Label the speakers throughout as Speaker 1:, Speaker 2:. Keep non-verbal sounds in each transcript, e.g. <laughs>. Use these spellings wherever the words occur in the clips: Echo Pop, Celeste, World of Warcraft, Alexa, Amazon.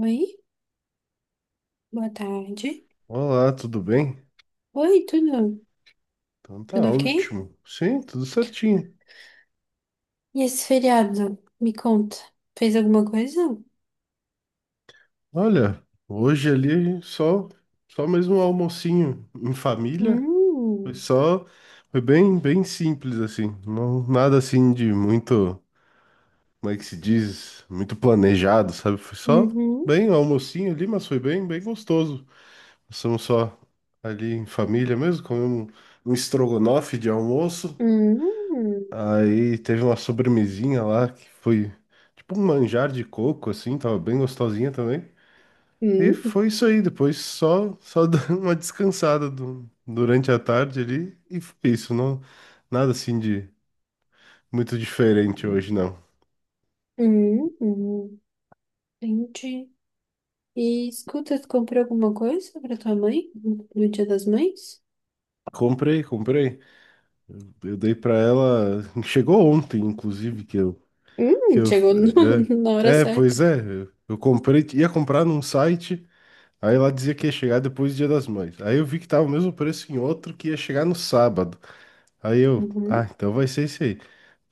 Speaker 1: Oi, boa tarde.
Speaker 2: Olá, tudo bem?
Speaker 1: Oi, tudo?
Speaker 2: Então tá
Speaker 1: Tudo ok?
Speaker 2: ótimo. Sim, tudo certinho.
Speaker 1: E esse feriado? Me conta. Fez alguma coisa?
Speaker 2: Olha, hoje ali só mesmo um almocinho em família. Foi
Speaker 1: Hum.
Speaker 2: só foi bem simples assim. Não, nada assim de muito, como é que se diz, muito planejado, sabe? Foi só
Speaker 1: Uhum.
Speaker 2: bem um almocinho ali, mas foi bem gostoso. Passamos só ali em família mesmo, comemos um estrogonofe de almoço.
Speaker 1: Hum,
Speaker 2: Aí teve uma sobremesinha lá que foi tipo um manjar de coco, assim, tava bem gostosinha também. E
Speaker 1: hum.
Speaker 2: foi isso aí, depois só <laughs> dando uma descansada durante a tarde ali e foi isso, não nada assim de muito diferente hoje não.
Speaker 1: Hum, hum. Entendi. E escuta, tu comprou alguma coisa pra tua mãe no Dia das Mães?
Speaker 2: Comprei, comprei. Eu dei pra ela, chegou ontem inclusive. Que eu
Speaker 1: Chegou <laughs> na hora
Speaker 2: é, é, Pois
Speaker 1: certa.
Speaker 2: é, eu comprei, ia comprar num site. Aí lá dizia que ia chegar depois do Dia das Mães. Aí eu vi que tava o mesmo preço em outro que ia chegar no sábado. Aí eu, ah,
Speaker 1: Uhum.
Speaker 2: então vai ser esse aí.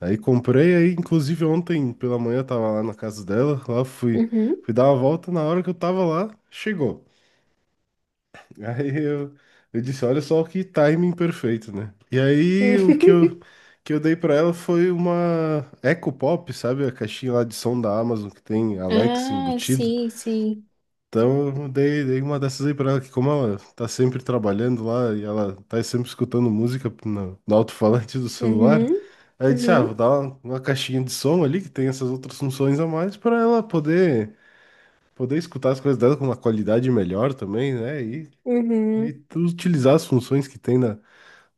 Speaker 2: Aí comprei, aí inclusive ontem pela manhã eu tava lá na casa dela, lá fui,
Speaker 1: Uhum.
Speaker 2: fui dar uma volta, na hora que eu tava lá, chegou. <laughs> Aí eu, disse, olha só que timing perfeito, né? E aí que eu dei pra ela foi uma Echo Pop, sabe? A caixinha lá de som da Amazon que tem
Speaker 1: <laughs>
Speaker 2: Alexa
Speaker 1: Ah,
Speaker 2: embutido.
Speaker 1: sim, sim.
Speaker 2: Então, eu dei uma dessas aí pra ela, que como ela tá sempre trabalhando lá e ela tá sempre escutando música no alto-falante do celular.
Speaker 1: Uhum.
Speaker 2: Aí eu disse, ah, vou
Speaker 1: Uhum.
Speaker 2: dar uma caixinha de som ali que tem essas outras funções a mais pra ela poder escutar as coisas dela com uma qualidade melhor também, né? E
Speaker 1: Uhum.
Speaker 2: tu utilizar as funções que tem na,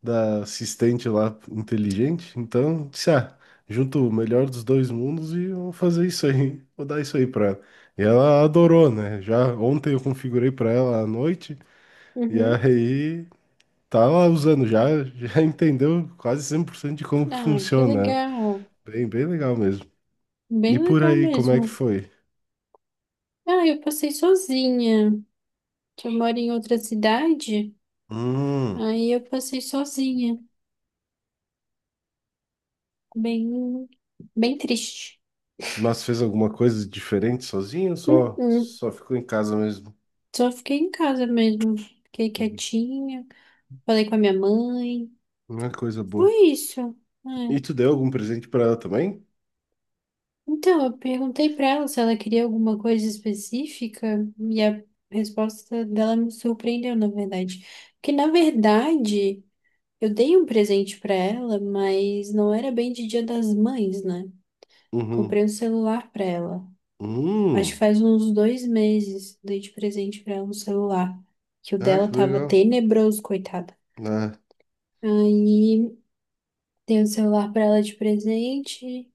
Speaker 2: da assistente lá inteligente. Então, disse, ah, junto o melhor dos dois mundos e vou fazer isso aí, <laughs> vou dar isso aí pra ela. E ela adorou, né? Já ontem eu configurei pra ela à noite e
Speaker 1: Uhum.
Speaker 2: aí tá lá usando já, <laughs> já entendeu quase 100% de como que
Speaker 1: Ah, que
Speaker 2: funciona.
Speaker 1: legal.
Speaker 2: Bem, bem legal mesmo. E
Speaker 1: Bem
Speaker 2: por
Speaker 1: legal
Speaker 2: aí, como é que
Speaker 1: mesmo.
Speaker 2: foi?
Speaker 1: Ah, eu passei sozinha. Que Eu moro em outra cidade,
Speaker 2: Hum,
Speaker 1: aí eu passei sozinha. Bem, bem triste.
Speaker 2: mas fez alguma coisa diferente sozinho, ou Só,
Speaker 1: Uh-uh.
Speaker 2: só ficou em casa mesmo?
Speaker 1: Só fiquei em casa mesmo. Fiquei
Speaker 2: Uhum.
Speaker 1: quietinha. Falei com a minha mãe.
Speaker 2: Uma coisa
Speaker 1: Foi
Speaker 2: boa.
Speaker 1: isso.
Speaker 2: E tu
Speaker 1: É.
Speaker 2: deu algum presente pra ela também?
Speaker 1: Então, eu perguntei pra ela se ela queria alguma coisa específica e a resposta dela me surpreendeu, na verdade. Porque, na verdade, eu dei um presente pra ela, mas não era bem de Dia das Mães, né?
Speaker 2: Uhum.
Speaker 1: Comprei um celular pra ela. Acho que
Speaker 2: Hum,
Speaker 1: faz uns dois meses dei de presente pra ela um celular, que o
Speaker 2: ah,
Speaker 1: dela
Speaker 2: que
Speaker 1: tava
Speaker 2: legal.
Speaker 1: tenebroso, coitada.
Speaker 2: É,
Speaker 1: Aí dei um celular pra ela de presente,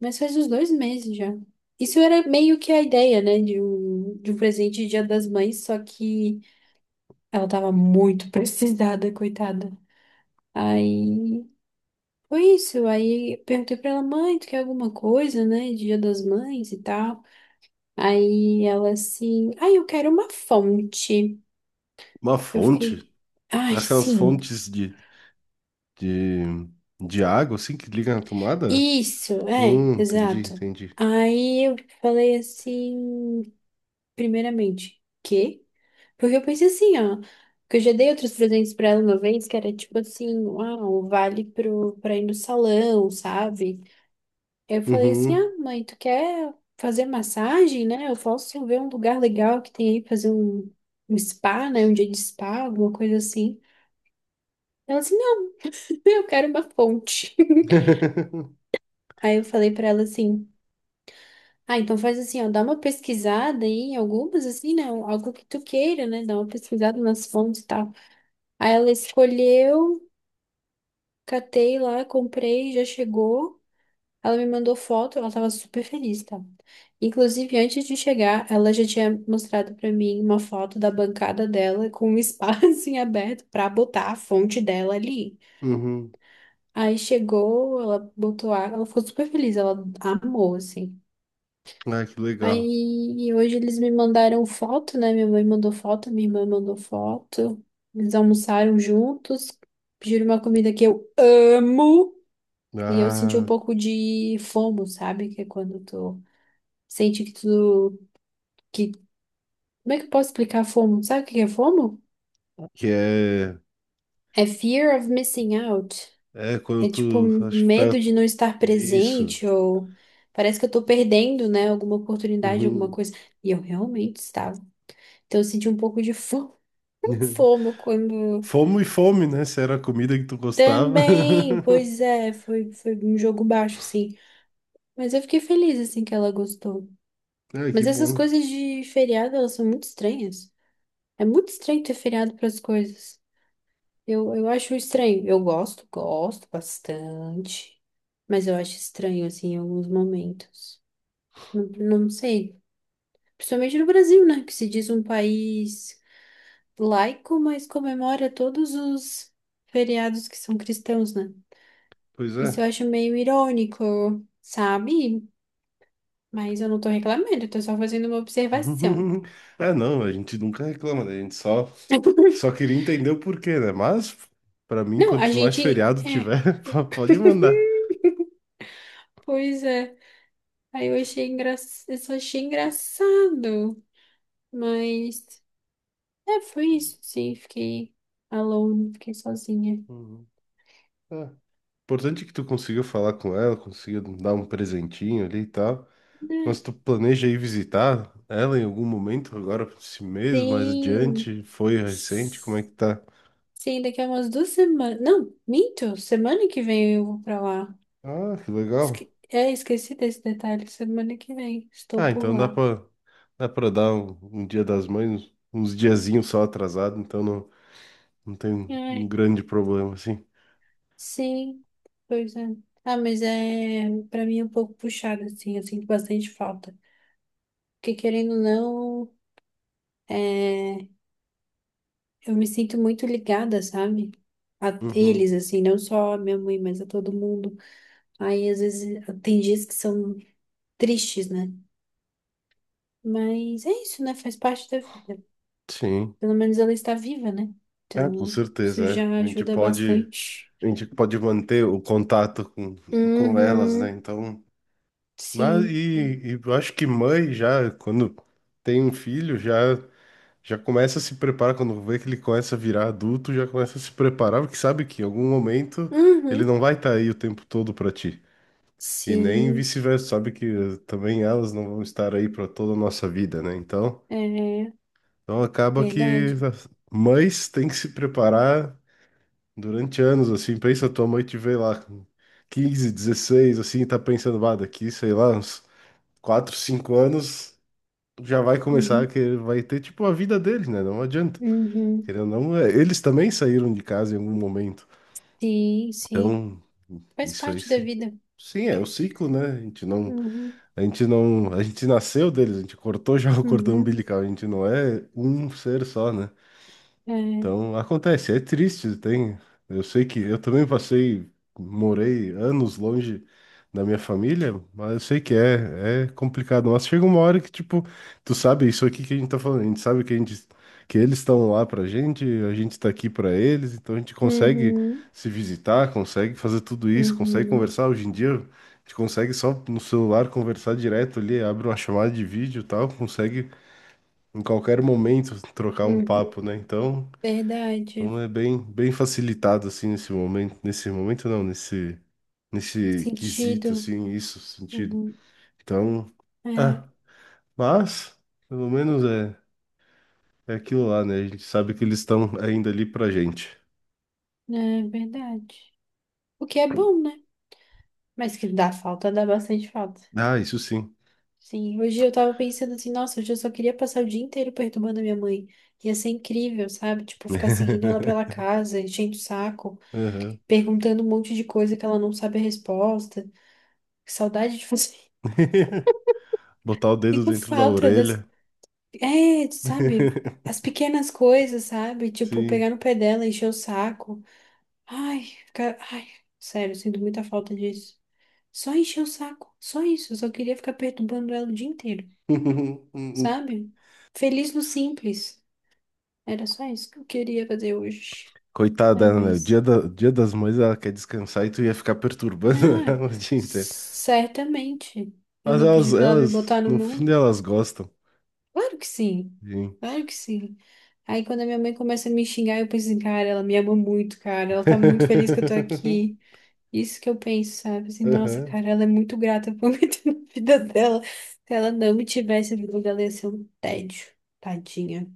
Speaker 1: mas faz uns dois meses já. Isso era meio que a ideia, né, de um presente de Dia das Mães, só que ela tava muito <laughs> precisada, coitada. Aí foi isso. Aí eu perguntei pra ela, mãe, tu quer alguma coisa, né? Dia das Mães e tal. Aí ela assim, ai, eu quero uma fonte.
Speaker 2: uma
Speaker 1: Eu fiquei,
Speaker 2: fonte,
Speaker 1: ai,
Speaker 2: aquelas
Speaker 1: sim,
Speaker 2: fontes de, de água, assim, que liga na tomada?
Speaker 1: isso, é,
Speaker 2: Entendi,
Speaker 1: exato.
Speaker 2: entendi.
Speaker 1: Aí eu falei assim, primeiramente, quê? Porque eu pensei assim, ó, que eu já dei outros presentes pra ela uma vez, que era tipo assim, uau, vale pra ir no salão, sabe? Eu falei assim,
Speaker 2: Uhum.
Speaker 1: ah, mãe, tu quer fazer massagem, né? Eu posso ver um lugar legal que tem aí, fazer um spa, né? Um dia de spa, alguma coisa assim. Ela assim, não, <laughs> eu quero uma fonte.
Speaker 2: <laughs>
Speaker 1: <laughs> Aí eu falei pra ela assim, ah, então faz assim, ó, dá uma pesquisada aí em algumas, assim, né? Algo que tu queira, né? Dá uma pesquisada nas fontes e tal. Aí ela escolheu, catei lá, comprei, já chegou. Ela me mandou foto, ela tava super feliz, tá? Inclusive, antes de chegar, ela já tinha mostrado pra mim uma foto da bancada dela com um espaço <laughs> em aberto pra botar a fonte dela ali.
Speaker 2: Uhum.
Speaker 1: Aí chegou, ela botou água, ela ficou super feliz, ela amou, assim.
Speaker 2: Ah, que legal.
Speaker 1: Aí e hoje eles me mandaram foto, né? Minha mãe mandou foto, minha irmã mandou foto. Eles almoçaram juntos, pediram uma comida que eu amo. E eu senti um
Speaker 2: Ah,
Speaker 1: pouco de fomo, sabe? Que é quando tu sente que que, como é que eu posso explicar FOMO? Sabe o que é FOMO?
Speaker 2: que é,
Speaker 1: É fear of missing out.
Speaker 2: é quando
Speaker 1: É tipo
Speaker 2: tu, acho que tá,
Speaker 1: medo de não estar
Speaker 2: isso.
Speaker 1: presente ou parece que eu tô perdendo, né, alguma oportunidade, alguma
Speaker 2: Uhum.
Speaker 1: coisa. E eu realmente estava. Então eu senti um pouco de
Speaker 2: <laughs>
Speaker 1: FOMO quando
Speaker 2: Fome e fome, né? Se era a comida que tu gostava.
Speaker 1: também,
Speaker 2: <laughs>
Speaker 1: pois é, foi um jogo baixo assim, mas eu fiquei feliz assim que ela gostou.
Speaker 2: Ah, que
Speaker 1: Mas essas
Speaker 2: bom.
Speaker 1: coisas de feriado, elas são muito estranhas. É muito estranho ter feriado para as coisas. Eu acho estranho. Eu gosto, gosto bastante, mas eu acho estranho, assim, em alguns momentos. Não, não sei. Principalmente no Brasil, né? Que se diz um país laico, mas comemora todos os feriados que são cristãos, né?
Speaker 2: Pois
Speaker 1: Isso eu
Speaker 2: é.
Speaker 1: acho meio irônico, sabe? Mas eu não tô reclamando, eu tô só fazendo uma observação.
Speaker 2: <laughs> É, não, a gente nunca reclama, né? A gente só
Speaker 1: <laughs>
Speaker 2: queria entender o porquê, né? Mas, pra mim,
Speaker 1: Não, a
Speaker 2: quantos mais
Speaker 1: gente.
Speaker 2: feriado
Speaker 1: É.
Speaker 2: tiver, <laughs> pode mandar.
Speaker 1: <laughs> Pois é. Aí eu achei engra... eu só achei engraçado, mas é, foi isso, sim, fiquei alone, fiquei sozinha.
Speaker 2: Uhum. É. Importante é que tu consiga falar com ela, consiga dar um presentinho ali e tal.
Speaker 1: Né?
Speaker 2: Mas tu planeja ir visitar ela em algum momento, agora, esse mês, mais
Speaker 1: Sim.
Speaker 2: adiante? Foi recente? Como é que tá?
Speaker 1: Sim, daqui a umas duas semanas. Não, minto, semana que vem eu vou pra lá.
Speaker 2: Ah, que legal.
Speaker 1: Esque... É, esqueci desse detalhe, semana que vem estou
Speaker 2: Ah,
Speaker 1: por
Speaker 2: então dá
Speaker 1: lá.
Speaker 2: pra, dá pra dar um Dia das Mães, uns diazinhos só atrasado, então não. Não tem um
Speaker 1: Ai,
Speaker 2: grande problema, assim.
Speaker 1: sim, pois é. Ah, mas é pra mim é um pouco puxado, assim, eu sinto bastante falta. Porque querendo ou não. É. Eu me sinto muito ligada, sabe? A
Speaker 2: Uhum.
Speaker 1: eles, assim, não só a minha mãe, mas a todo mundo. Aí, às vezes, tem dias que são tristes, né? Mas é isso, né? Faz parte da vida.
Speaker 2: Sim,
Speaker 1: Pelo menos ela está viva, né?
Speaker 2: é, com
Speaker 1: Então,
Speaker 2: certeza,
Speaker 1: isso já
Speaker 2: é. A gente
Speaker 1: ajuda
Speaker 2: pode,
Speaker 1: bastante.
Speaker 2: a gente pode manter o contato com elas, né?
Speaker 1: Uhum.
Speaker 2: Então, mas
Speaker 1: Sim.
Speaker 2: e eu acho que mãe já, quando tem um filho, já começa a se preparar, quando vê que ele começa a virar adulto, já começa a se preparar, porque sabe que em algum momento ele
Speaker 1: Uhum.
Speaker 2: não vai estar aí o tempo todo para ti. E nem
Speaker 1: Sim.
Speaker 2: vice-versa, sabe que também elas não vão estar aí para toda a nossa vida, né? Então,
Speaker 1: É
Speaker 2: então acaba que
Speaker 1: verdade.
Speaker 2: as mães têm que se preparar durante anos, assim. Pensa, tua mãe te vê lá com 15, 16, assim, e tá pensando, ah, daqui, sei lá, uns 4, 5 anos já vai começar,
Speaker 1: Uhum.
Speaker 2: que vai ter, tipo, a vida deles, né? Não adianta.
Speaker 1: Uhum.
Speaker 2: Querendo ou não, é, eles também saíram de casa em algum momento.
Speaker 1: Sim, sim.
Speaker 2: Então,
Speaker 1: Faz
Speaker 2: isso aí,
Speaker 1: parte da
Speaker 2: sim.
Speaker 1: vida.
Speaker 2: Sim, é o ciclo, né? A gente não,
Speaker 1: Uhum.
Speaker 2: a gente não, a gente nasceu deles, a gente cortou já o cordão
Speaker 1: Uhum.
Speaker 2: umbilical, a gente não é um ser só, né?
Speaker 1: É.
Speaker 2: Então acontece, é triste, tem. Eu sei que eu também passei, morei anos longe da minha família, mas eu sei que é complicado. Mas chega uma hora que, tipo, tu sabe isso aqui que a gente tá falando, a gente sabe que eles estão lá pra gente, a gente tá aqui pra eles, então a gente consegue
Speaker 1: Uhum.
Speaker 2: se visitar, consegue fazer tudo isso, consegue
Speaker 1: Uhum.
Speaker 2: conversar. Hoje em dia, a gente consegue só no celular conversar direto ali, abre uma chamada de vídeo e tal, consegue em qualquer momento trocar um
Speaker 1: Uhum.
Speaker 2: papo, né? Então
Speaker 1: Verdade.
Speaker 2: Então é bem, bem facilitado assim nesse momento não, nesse quesito
Speaker 1: Sentido.
Speaker 2: assim, isso sentido.
Speaker 1: Uhum.
Speaker 2: Então,
Speaker 1: É,
Speaker 2: ah, mas pelo menos é aquilo lá, né? A gente sabe que eles estão ainda ali pra gente.
Speaker 1: é verdade. O que é bom, né? Mas que dá falta, dá bastante falta.
Speaker 2: Ah, isso sim.
Speaker 1: Sim, hoje eu tava pensando assim, nossa, hoje eu só queria passar o dia inteiro perturbando a minha mãe. Ia ser incrível, sabe? Tipo, ficar seguindo ela pela
Speaker 2: <laughs>
Speaker 1: casa, enchendo o saco,
Speaker 2: Aham.
Speaker 1: perguntando um monte de coisa que ela não sabe a resposta. Que saudade de fazer. <laughs>
Speaker 2: <laughs> Botar o dedo
Speaker 1: Sinto
Speaker 2: dentro da
Speaker 1: falta das.
Speaker 2: orelha.
Speaker 1: É, sabe?
Speaker 2: <laughs>
Speaker 1: As pequenas coisas, sabe? Tipo, pegar
Speaker 2: Sim.
Speaker 1: no pé dela, encher o saco. Ai, fica... Ai, sério, sinto muita falta disso. Só encher o saco, só isso. Eu só queria ficar perturbando ela o dia inteiro,
Speaker 2: <laughs>
Speaker 1: sabe? Feliz no simples. Era só isso que eu queria fazer hoje. É,
Speaker 2: Coitada, né?
Speaker 1: mas.
Speaker 2: Dia das Mães, ela quer descansar e tu ia ficar perturbando <laughs>
Speaker 1: Não,
Speaker 2: ela o dia inteiro.
Speaker 1: certamente. Eu
Speaker 2: Mas
Speaker 1: não
Speaker 2: elas,
Speaker 1: pedi pra ela me
Speaker 2: elas,
Speaker 1: botar no
Speaker 2: no fim
Speaker 1: mundo?
Speaker 2: elas gostam.
Speaker 1: Claro que sim,
Speaker 2: Sim.
Speaker 1: claro que sim. Aí quando a minha mãe começa a me xingar, eu penso assim, cara, ela me ama muito, cara. Ela tá muito feliz que eu tô aqui.
Speaker 2: <laughs>
Speaker 1: Isso que eu penso, sabe? Assim, nossa,
Speaker 2: Aham.
Speaker 1: cara, ela é muito grata <laughs> por me ter <laughs> na vida dela. Se ela não me tivesse, a vida dela ia ser um tédio. Tadinha.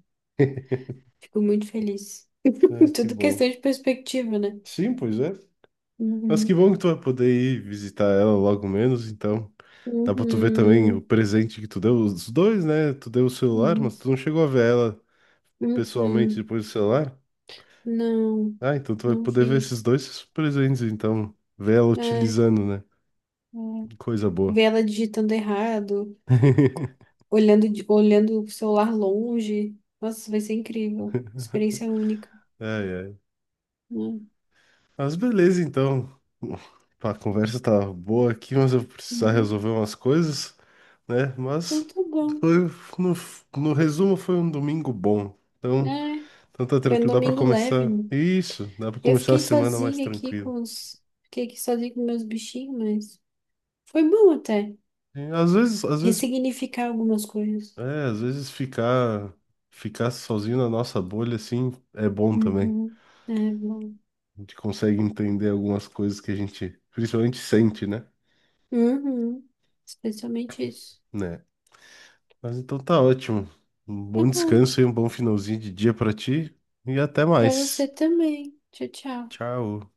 Speaker 1: Fico muito feliz.
Speaker 2: Ah,
Speaker 1: <laughs>
Speaker 2: que
Speaker 1: Tudo
Speaker 2: bom.
Speaker 1: questão de perspectiva, né?
Speaker 2: Sim, pois é. Mas que
Speaker 1: Uhum.
Speaker 2: bom que tu vai poder ir visitar ela logo menos, então. Dá pra tu ver também o
Speaker 1: Uhum.
Speaker 2: presente que tu deu, os dois, né? Tu deu o celular, mas
Speaker 1: Uhum.
Speaker 2: tu não chegou a ver ela pessoalmente
Speaker 1: Uhum.
Speaker 2: depois do celular.
Speaker 1: Não,
Speaker 2: Ah, então tu vai
Speaker 1: não
Speaker 2: poder ver
Speaker 1: vi.
Speaker 2: esses dois presentes, então. Ver ela
Speaker 1: É, é.
Speaker 2: utilizando, né? Coisa boa.
Speaker 1: Ver ela digitando errado,
Speaker 2: <laughs>
Speaker 1: olhando, de- olhando o celular longe. Nossa, vai ser incrível. Experiência única.
Speaker 2: Ai, ai.
Speaker 1: Né?
Speaker 2: Mas beleza, então. Pá, a conversa tá boa aqui, mas eu vou precisar
Speaker 1: Uhum.
Speaker 2: resolver umas coisas, né?
Speaker 1: Então
Speaker 2: Mas
Speaker 1: tá bom.
Speaker 2: foi, no, no resumo foi um domingo bom. Então,
Speaker 1: É.
Speaker 2: tá
Speaker 1: Foi um
Speaker 2: tranquilo, dá pra
Speaker 1: domingo leve,
Speaker 2: começar.
Speaker 1: né?
Speaker 2: Isso, dá pra
Speaker 1: Eu
Speaker 2: começar a
Speaker 1: fiquei
Speaker 2: semana mais
Speaker 1: sozinha aqui
Speaker 2: tranquilo.
Speaker 1: com os. Fiquei aqui sozinha com meus bichinhos, mas foi bom até.
Speaker 2: E
Speaker 1: Ressignificar algumas coisas.
Speaker 2: às vezes ficar sozinho na nossa bolha assim é bom também.
Speaker 1: Uhum. É bom.
Speaker 2: A gente consegue entender algumas coisas que a gente principalmente sente, né?
Speaker 1: Uhum. Especialmente isso.
Speaker 2: Né? Mas então tá ótimo. Um
Speaker 1: Tá
Speaker 2: bom
Speaker 1: bom.
Speaker 2: descanso e um bom finalzinho de dia pra ti. E até
Speaker 1: Pra você
Speaker 2: mais.
Speaker 1: também. Tchau, tchau.
Speaker 2: Tchau.